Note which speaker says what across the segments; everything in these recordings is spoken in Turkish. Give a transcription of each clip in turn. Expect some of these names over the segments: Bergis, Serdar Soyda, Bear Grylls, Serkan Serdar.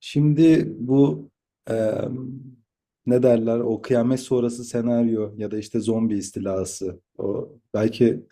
Speaker 1: Şimdi bu eee, ne derler o kıyamet sonrası senaryo ya da işte zombi istilası o belki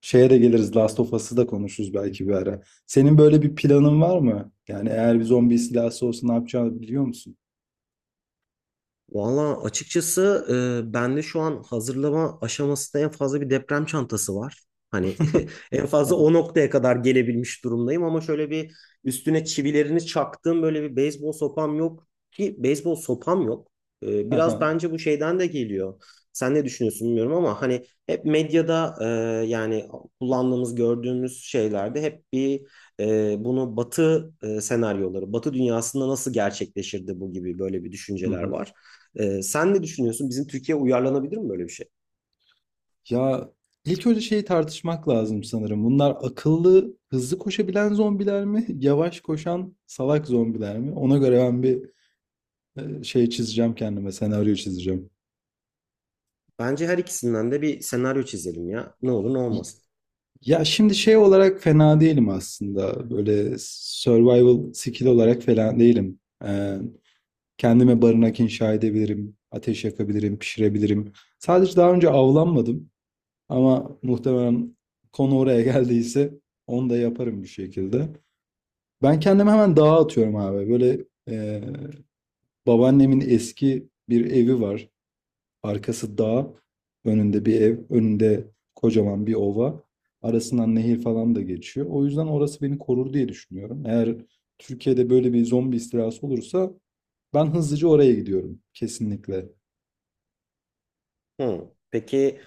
Speaker 1: şeye de geliriz, Last of Us'ı da konuşuruz belki bir ara. Senin böyle bir planın var mı? Yani eğer bir zombi istilası olsa ne yapacağını biliyor musun?
Speaker 2: Valla açıkçası bende şu an hazırlama aşamasında en fazla bir deprem çantası var. Hani en fazla o noktaya kadar gelebilmiş durumdayım, ama şöyle bir üstüne çivilerini çaktığım böyle bir beyzbol sopam yok ki, beyzbol sopam yok. Biraz
Speaker 1: Aha.
Speaker 2: bence bu şeyden de geliyor. Sen ne düşünüyorsun bilmiyorum, ama hani hep medyada yani kullandığımız, gördüğümüz şeylerde hep bir bunu Batı senaryoları, Batı dünyasında nasıl gerçekleşirdi bu gibi böyle bir
Speaker 1: Hı
Speaker 2: düşünceler
Speaker 1: hı.
Speaker 2: var. Sen ne düşünüyorsun? Bizim Türkiye uyarlanabilir mi böyle bir şey?
Speaker 1: Ya ilk önce şeyi tartışmak lazım sanırım. Bunlar akıllı, hızlı koşabilen zombiler mi? Yavaş koşan salak zombiler mi? Ona göre ben bir şey çizeceğim kendime, senaryo çizeceğim.
Speaker 2: Bence her ikisinden de bir senaryo çizelim ya. Ne olur ne olmaz.
Speaker 1: Ya şimdi şey olarak fena değilim aslında. Böyle survival skill olarak falan değilim. Ee, Kendime barınak inşa edebilirim, ateş yakabilirim, pişirebilirim. Sadece daha önce avlanmadım ama muhtemelen konu oraya geldiyse onu da yaparım bir şekilde. Ben kendimi hemen dağa atıyorum abi. Böyle babaannemin eski bir evi var. Arkası dağ, önünde bir ev, önünde kocaman bir ova. Arasından nehir falan da geçiyor. O yüzden orası beni korur diye düşünüyorum. Eğer Türkiye'de böyle bir zombi istilası olursa ben hızlıca oraya gidiyorum kesinlikle.
Speaker 2: Hı. Peki,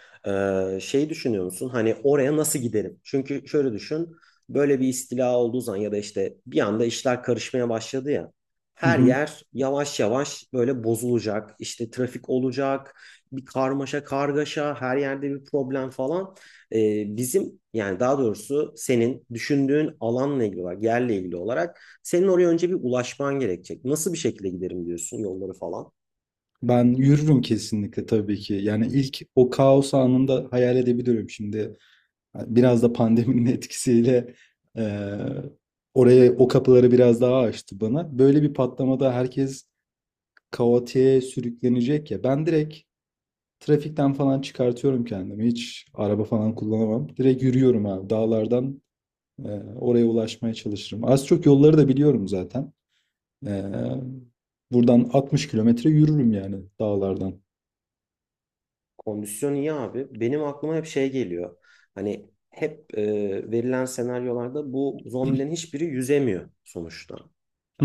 Speaker 2: şey düşünüyor musun? Hani oraya nasıl giderim? Çünkü şöyle düşün. Böyle bir istila olduğu zaman ya da işte bir anda işler karışmaya başladı ya.
Speaker 1: Hı
Speaker 2: Her
Speaker 1: hı.
Speaker 2: yer yavaş yavaş böyle bozulacak. İşte trafik olacak. Bir karmaşa kargaşa. Her yerde bir problem falan. E, Bizim, yani daha doğrusu senin düşündüğün alanla ilgili olarak, yerle ilgili olarak, senin oraya önce bir ulaşman gerekecek. Nasıl bir şekilde giderim diyorsun, yolları falan?
Speaker 1: Ben yürürüm kesinlikle tabii ki. Yani ilk o kaos anında hayal edebiliyorum şimdi. Biraz da pandeminin etkisiyle eee, oraya o kapıları biraz daha açtı bana. Böyle bir patlamada herkes kaotiğe sürüklenecek ya. Ben direkt trafikten falan çıkartıyorum kendimi. Hiç araba falan kullanamam. Direkt yürüyorum abi. Dağlardan e, oraya ulaşmaya çalışırım. Az çok yolları da biliyorum zaten. E, Buradan 60 kilometre yürürüm yani dağlardan.
Speaker 2: Kondisyon iyi abi. Benim aklıma hep şey geliyor. Hani hep verilen senaryolarda bu zombilerin hiçbiri yüzemiyor sonuçta.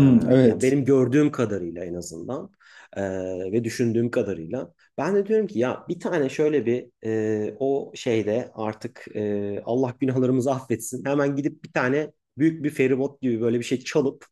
Speaker 2: Ee, Yani
Speaker 1: evet.
Speaker 2: benim gördüğüm kadarıyla en azından, ee, ve düşündüğüm kadarıyla, ben de diyorum ki ya bir tane şöyle bir o şeyde artık Allah günahlarımızı affetsin, hemen gidip bir tane büyük bir feribot gibi böyle bir şey çalıp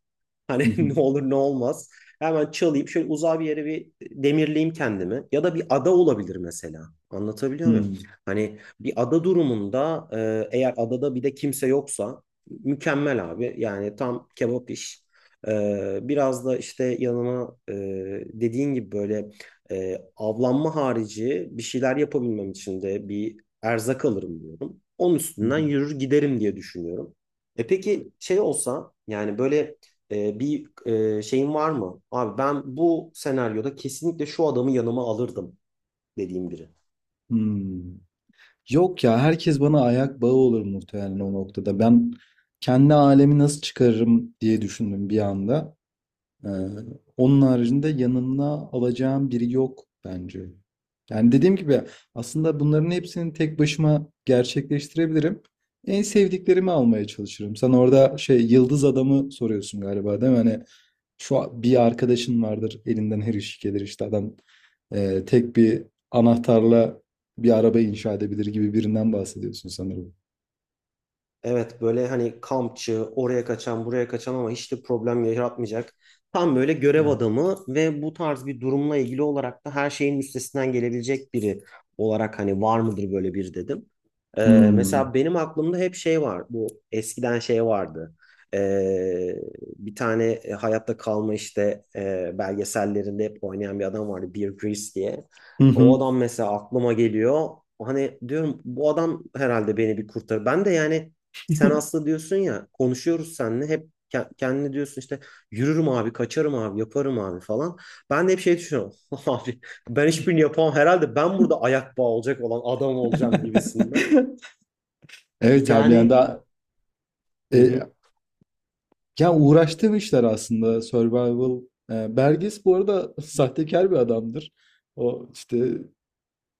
Speaker 1: Hı
Speaker 2: hani
Speaker 1: hı,
Speaker 2: ne olur ne olmaz hemen çalayım, şöyle uzağa bir yere bir demirleyeyim kendimi, ya da bir ada olabilir mesela, anlatabiliyor muyum?
Speaker 1: hmm,
Speaker 2: Hani bir ada durumunda, eğer adada bir de kimse yoksa, mükemmel abi, yani tam kebap iş. Biraz da işte yanıma dediğin gibi böyle avlanma harici bir şeyler yapabilmem için de bir erzak alırım diyorum. Onun
Speaker 1: hı
Speaker 2: üstünden
Speaker 1: hı,
Speaker 2: yürür giderim diye düşünüyorum. E peki şey olsa, yani böyle bir şeyin var mı? Abi, ben bu senaryoda kesinlikle şu adamı yanıma alırdım dediğim biri.
Speaker 1: hmm. Yok ya, herkes bana ayak bağı olur muhtemelen o noktada. Ben kendi alemi nasıl çıkarırım diye düşündüm bir anda. Ee, Onun haricinde yanına alacağım biri yok bence. Yani dediğim gibi aslında bunların hepsini tek başıma gerçekleştirebilirim. En sevdiklerimi almaya çalışırım. Sen orada şey, yıldız adamı soruyorsun galiba değil mi? Hani bir arkadaşın vardır, elinden her iş gelir, işte adam tek bir anahtarla bir araba inşa edebilir gibi birinden bahsediyorsun sanırım.
Speaker 2: Evet, böyle hani kampçı, oraya kaçan, buraya kaçan, ama hiç de problem yaratmayacak. Tam böyle görev adamı ve bu tarz bir durumla ilgili olarak da her şeyin üstesinden gelebilecek biri olarak hani var mıdır böyle bir, dedim.
Speaker 1: Hmm.
Speaker 2: Mesela benim aklımda hep şey var. Bu eskiden şey vardı. Ee, Bir tane hayatta kalma işte belgesellerinde hep oynayan bir adam vardı. Bear Grylls diye.
Speaker 1: Hı
Speaker 2: O
Speaker 1: hı.
Speaker 2: adam mesela aklıma geliyor. Hani diyorum bu adam herhalde beni bir kurtarır. Ben de yani, sen aslında diyorsun ya, konuşuyoruz seninle, hep kendine diyorsun işte yürürüm abi, kaçarım abi, yaparım abi falan. Ben de hep şey düşünüyorum abi, ben hiçbirini yapamam herhalde, ben burada ayak bağı olacak olan adam olacağım gibisinden.
Speaker 1: Evet abi, yani
Speaker 2: Yani
Speaker 1: daha
Speaker 2: hı
Speaker 1: e,
Speaker 2: hı.
Speaker 1: ya uğraştığım işler aslında survival. E, Bergis bu arada sahtekar bir adamdır. O işte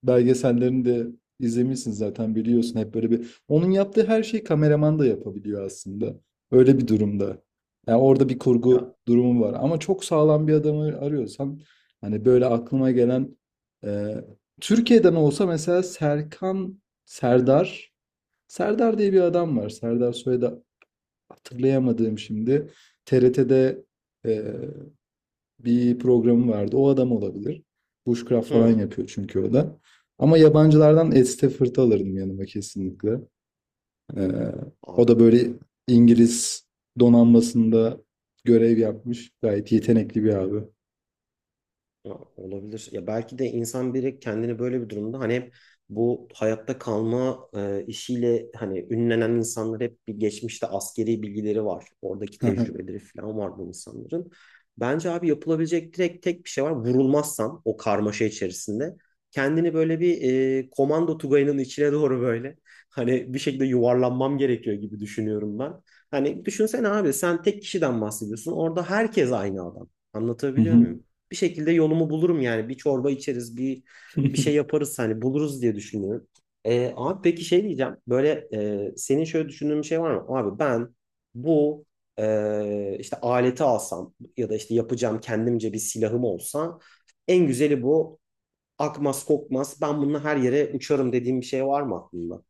Speaker 1: belgesellerini de izlemişsin zaten, biliyorsun hep böyle bir. Onun yaptığı her şeyi kameraman da yapabiliyor aslında. Öyle bir durumda. Yani orada bir
Speaker 2: Ya,
Speaker 1: kurgu durumu var. Ama çok sağlam bir adamı arıyorsan hani böyle aklıma gelen, e, Türkiye'den olsa mesela Serkan Serdar diye bir adam var. Serdar Soyda, hatırlayamadığım şimdi, TRT'de e, bir programı vardı. O adam olabilir. Bushcraft falan
Speaker 2: hı.
Speaker 1: yapıyor çünkü o da. Ama yabancılardan Ed Stafford'ı alırdım yanıma kesinlikle. E, O da böyle İngiliz donanmasında görev yapmış. Gayet yetenekli bir abi.
Speaker 2: Ya, olabilir. Ya belki de insan biri kendini böyle bir durumda hani hep bu hayatta kalma işiyle hani ünlenen insanlar hep bir geçmişte askeri bilgileri var. Oradaki tecrübeleri falan var bu insanların. Bence abi yapılabilecek direkt tek bir şey var. Vurulmazsan o karmaşa içerisinde kendini böyle bir komando tugayının içine doğru böyle hani bir şekilde yuvarlanmam gerekiyor gibi düşünüyorum ben. Hani düşünsene abi, sen tek kişiden bahsediyorsun. Orada herkes aynı adam.
Speaker 1: Hı
Speaker 2: Anlatabiliyor
Speaker 1: hı.
Speaker 2: muyum? Bir şekilde yolumu bulurum yani. Bir çorba içeriz, bir şey yaparız, hani buluruz diye düşünüyorum. Abi peki şey diyeceğim. Böyle senin şöyle düşündüğün bir şey var mı? Abi ben bu işte aleti alsam ya da işte yapacağım kendimce bir silahım olsa, en güzeli bu. Akmaz kokmaz, ben bununla her yere uçarım dediğim bir şey var mı aklında?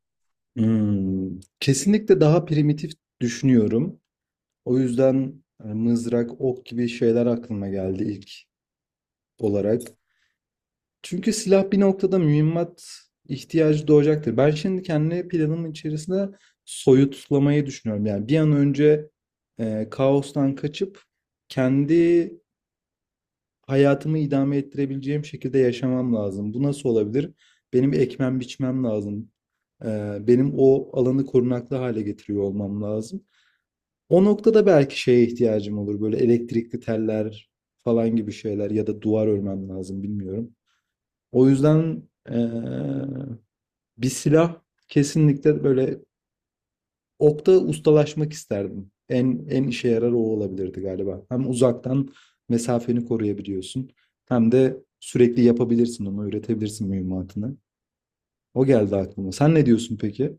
Speaker 1: Hmm. Kesinlikle daha primitif düşünüyorum. O yüzden mızrak, ok gibi şeyler aklıma geldi ilk olarak. Çünkü silah bir noktada mühimmat ihtiyacı doğacaktır. Ben şimdi kendi planımın içerisinde soyutlamayı düşünüyorum. Yani bir an önce kaostan kaçıp kendi hayatımı idame ettirebileceğim şekilde yaşamam lazım. Bu nasıl olabilir? Benim ekmem biçmem lazım. E, Benim o alanı korunaklı hale getiriyor olmam lazım. O noktada belki şeye ihtiyacım olur. Böyle elektrikli teller falan gibi şeyler ya da duvar örmem lazım, bilmiyorum. O yüzden eee, bir silah, kesinlikle böyle okta ustalaşmak isterdim. En işe yarar o olabilirdi galiba. Hem uzaktan mesafeni koruyabiliyorsun, hem de sürekli yapabilirsin onu, üretebilirsin mühimmatını. O geldi aklıma. Sen ne diyorsun peki?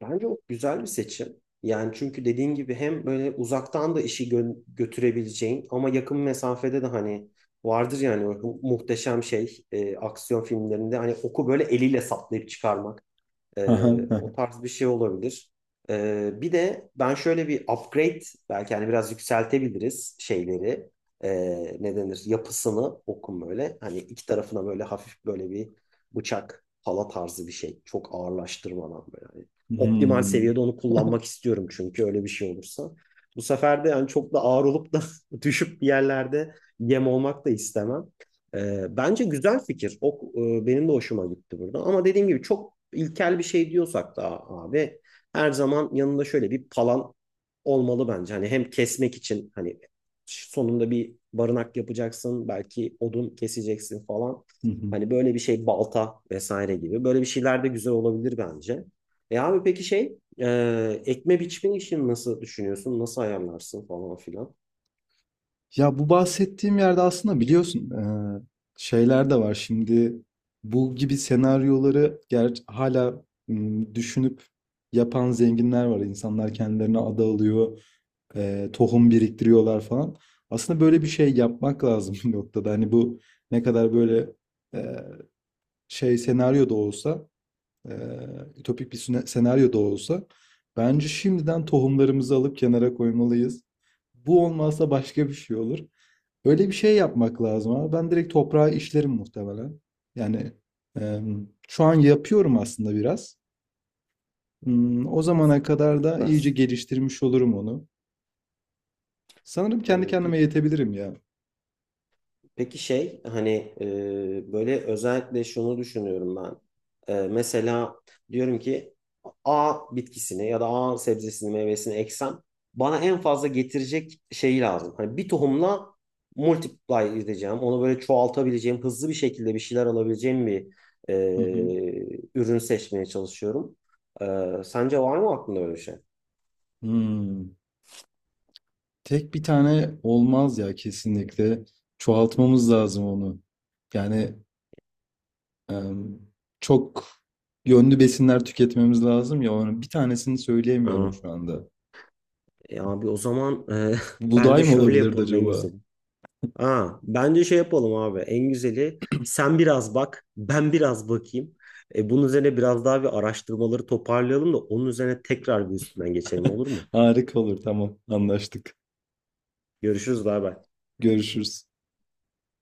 Speaker 2: Bence o güzel bir seçim. Yani çünkü dediğin gibi hem böyle uzaktan da işi götürebileceğin, ama yakın mesafede de hani vardır yani o muhteşem şey, aksiyon filmlerinde hani oku böyle eliyle saplayıp çıkarmak. O tarz bir şey olabilir. Bir de ben şöyle bir upgrade belki hani biraz yükseltebiliriz şeyleri. Ne denir? Yapısını okun böyle. Hani iki tarafına böyle hafif böyle bir bıçak, pala tarzı bir şey. Çok ağırlaştırmadan böyle. Hani optimal
Speaker 1: Hmm.
Speaker 2: seviyede onu kullanmak istiyorum, çünkü öyle bir şey olursa bu sefer de yani çok da ağır olup da düşüp bir yerlerde yem olmak da istemem. Bence güzel fikir. O, benim de hoşuma gitti burada. Ama dediğim gibi çok ilkel bir şey diyorsak da abi, her zaman yanında şöyle bir palan olmalı bence. Hani hem kesmek için, hani sonunda bir barınak yapacaksın, belki odun keseceksin falan. Hani böyle bir şey, balta vesaire gibi. Böyle bir şeyler de güzel olabilir bence. E abi peki şey, ekme biçme işini nasıl düşünüyorsun? Nasıl ayarlarsın falan filan?
Speaker 1: Ya bu bahsettiğim yerde aslında biliyorsun, şeyler de var. Şimdi bu gibi senaryoları düşünüp yapan zenginler var. İnsanlar kendilerine ada alıyor, tohum biriktiriyorlar falan. Aslında böyle bir şey yapmak lazım bir noktada. Hani bu ne kadar böyle eee, şey senaryo da olsa, ütopik bir senaryo da olsa bence şimdiden tohumlarımızı alıp kenara koymalıyız. Bu olmazsa başka bir şey olur. Öyle bir şey yapmak lazım abi. Ben direkt toprağa işlerim muhtemelen. Yani şu an yapıyorum aslında biraz. Hmm, o zamana kadar da iyice
Speaker 2: Süpersin.
Speaker 1: geliştirmiş olurum onu. Sanırım kendi kendime
Speaker 2: Peki.
Speaker 1: yetebilirim ya.
Speaker 2: Peki şey hani, böyle özellikle şunu düşünüyorum ben. Mesela diyorum ki A bitkisini ya da A sebzesini, meyvesini eksem bana en fazla getirecek şeyi lazım. Hani bir tohumla multiply edeceğim. Onu böyle çoğaltabileceğim, hızlı bir şekilde bir şeyler alabileceğim bir
Speaker 1: Hı hı.
Speaker 2: e, ürün seçmeye çalışıyorum. E, Sence var mı aklında öyle bir şey?
Speaker 1: Hmm. Tek bir tane olmaz ya kesinlikle. Çoğaltmamız lazım onu. Yani em, çok yönlü besinler tüketmemiz lazım ya. Onun bir tanesini
Speaker 2: Aa,
Speaker 1: söyleyemiyorum şu anda.
Speaker 2: abi o zaman, bence
Speaker 1: Buğday mı
Speaker 2: şöyle
Speaker 1: olabilirdi
Speaker 2: yapalım en
Speaker 1: acaba?
Speaker 2: güzeli. Ha, bence şey yapalım abi. En güzeli, sen biraz bak, ben biraz bakayım. Bunun üzerine biraz daha bir araştırmaları toparlayalım da onun üzerine tekrar bir üstünden geçelim, olur mu?
Speaker 1: Harika olur. Tamam, anlaştık.
Speaker 2: Görüşürüz, bay bay.
Speaker 1: Görüşürüz.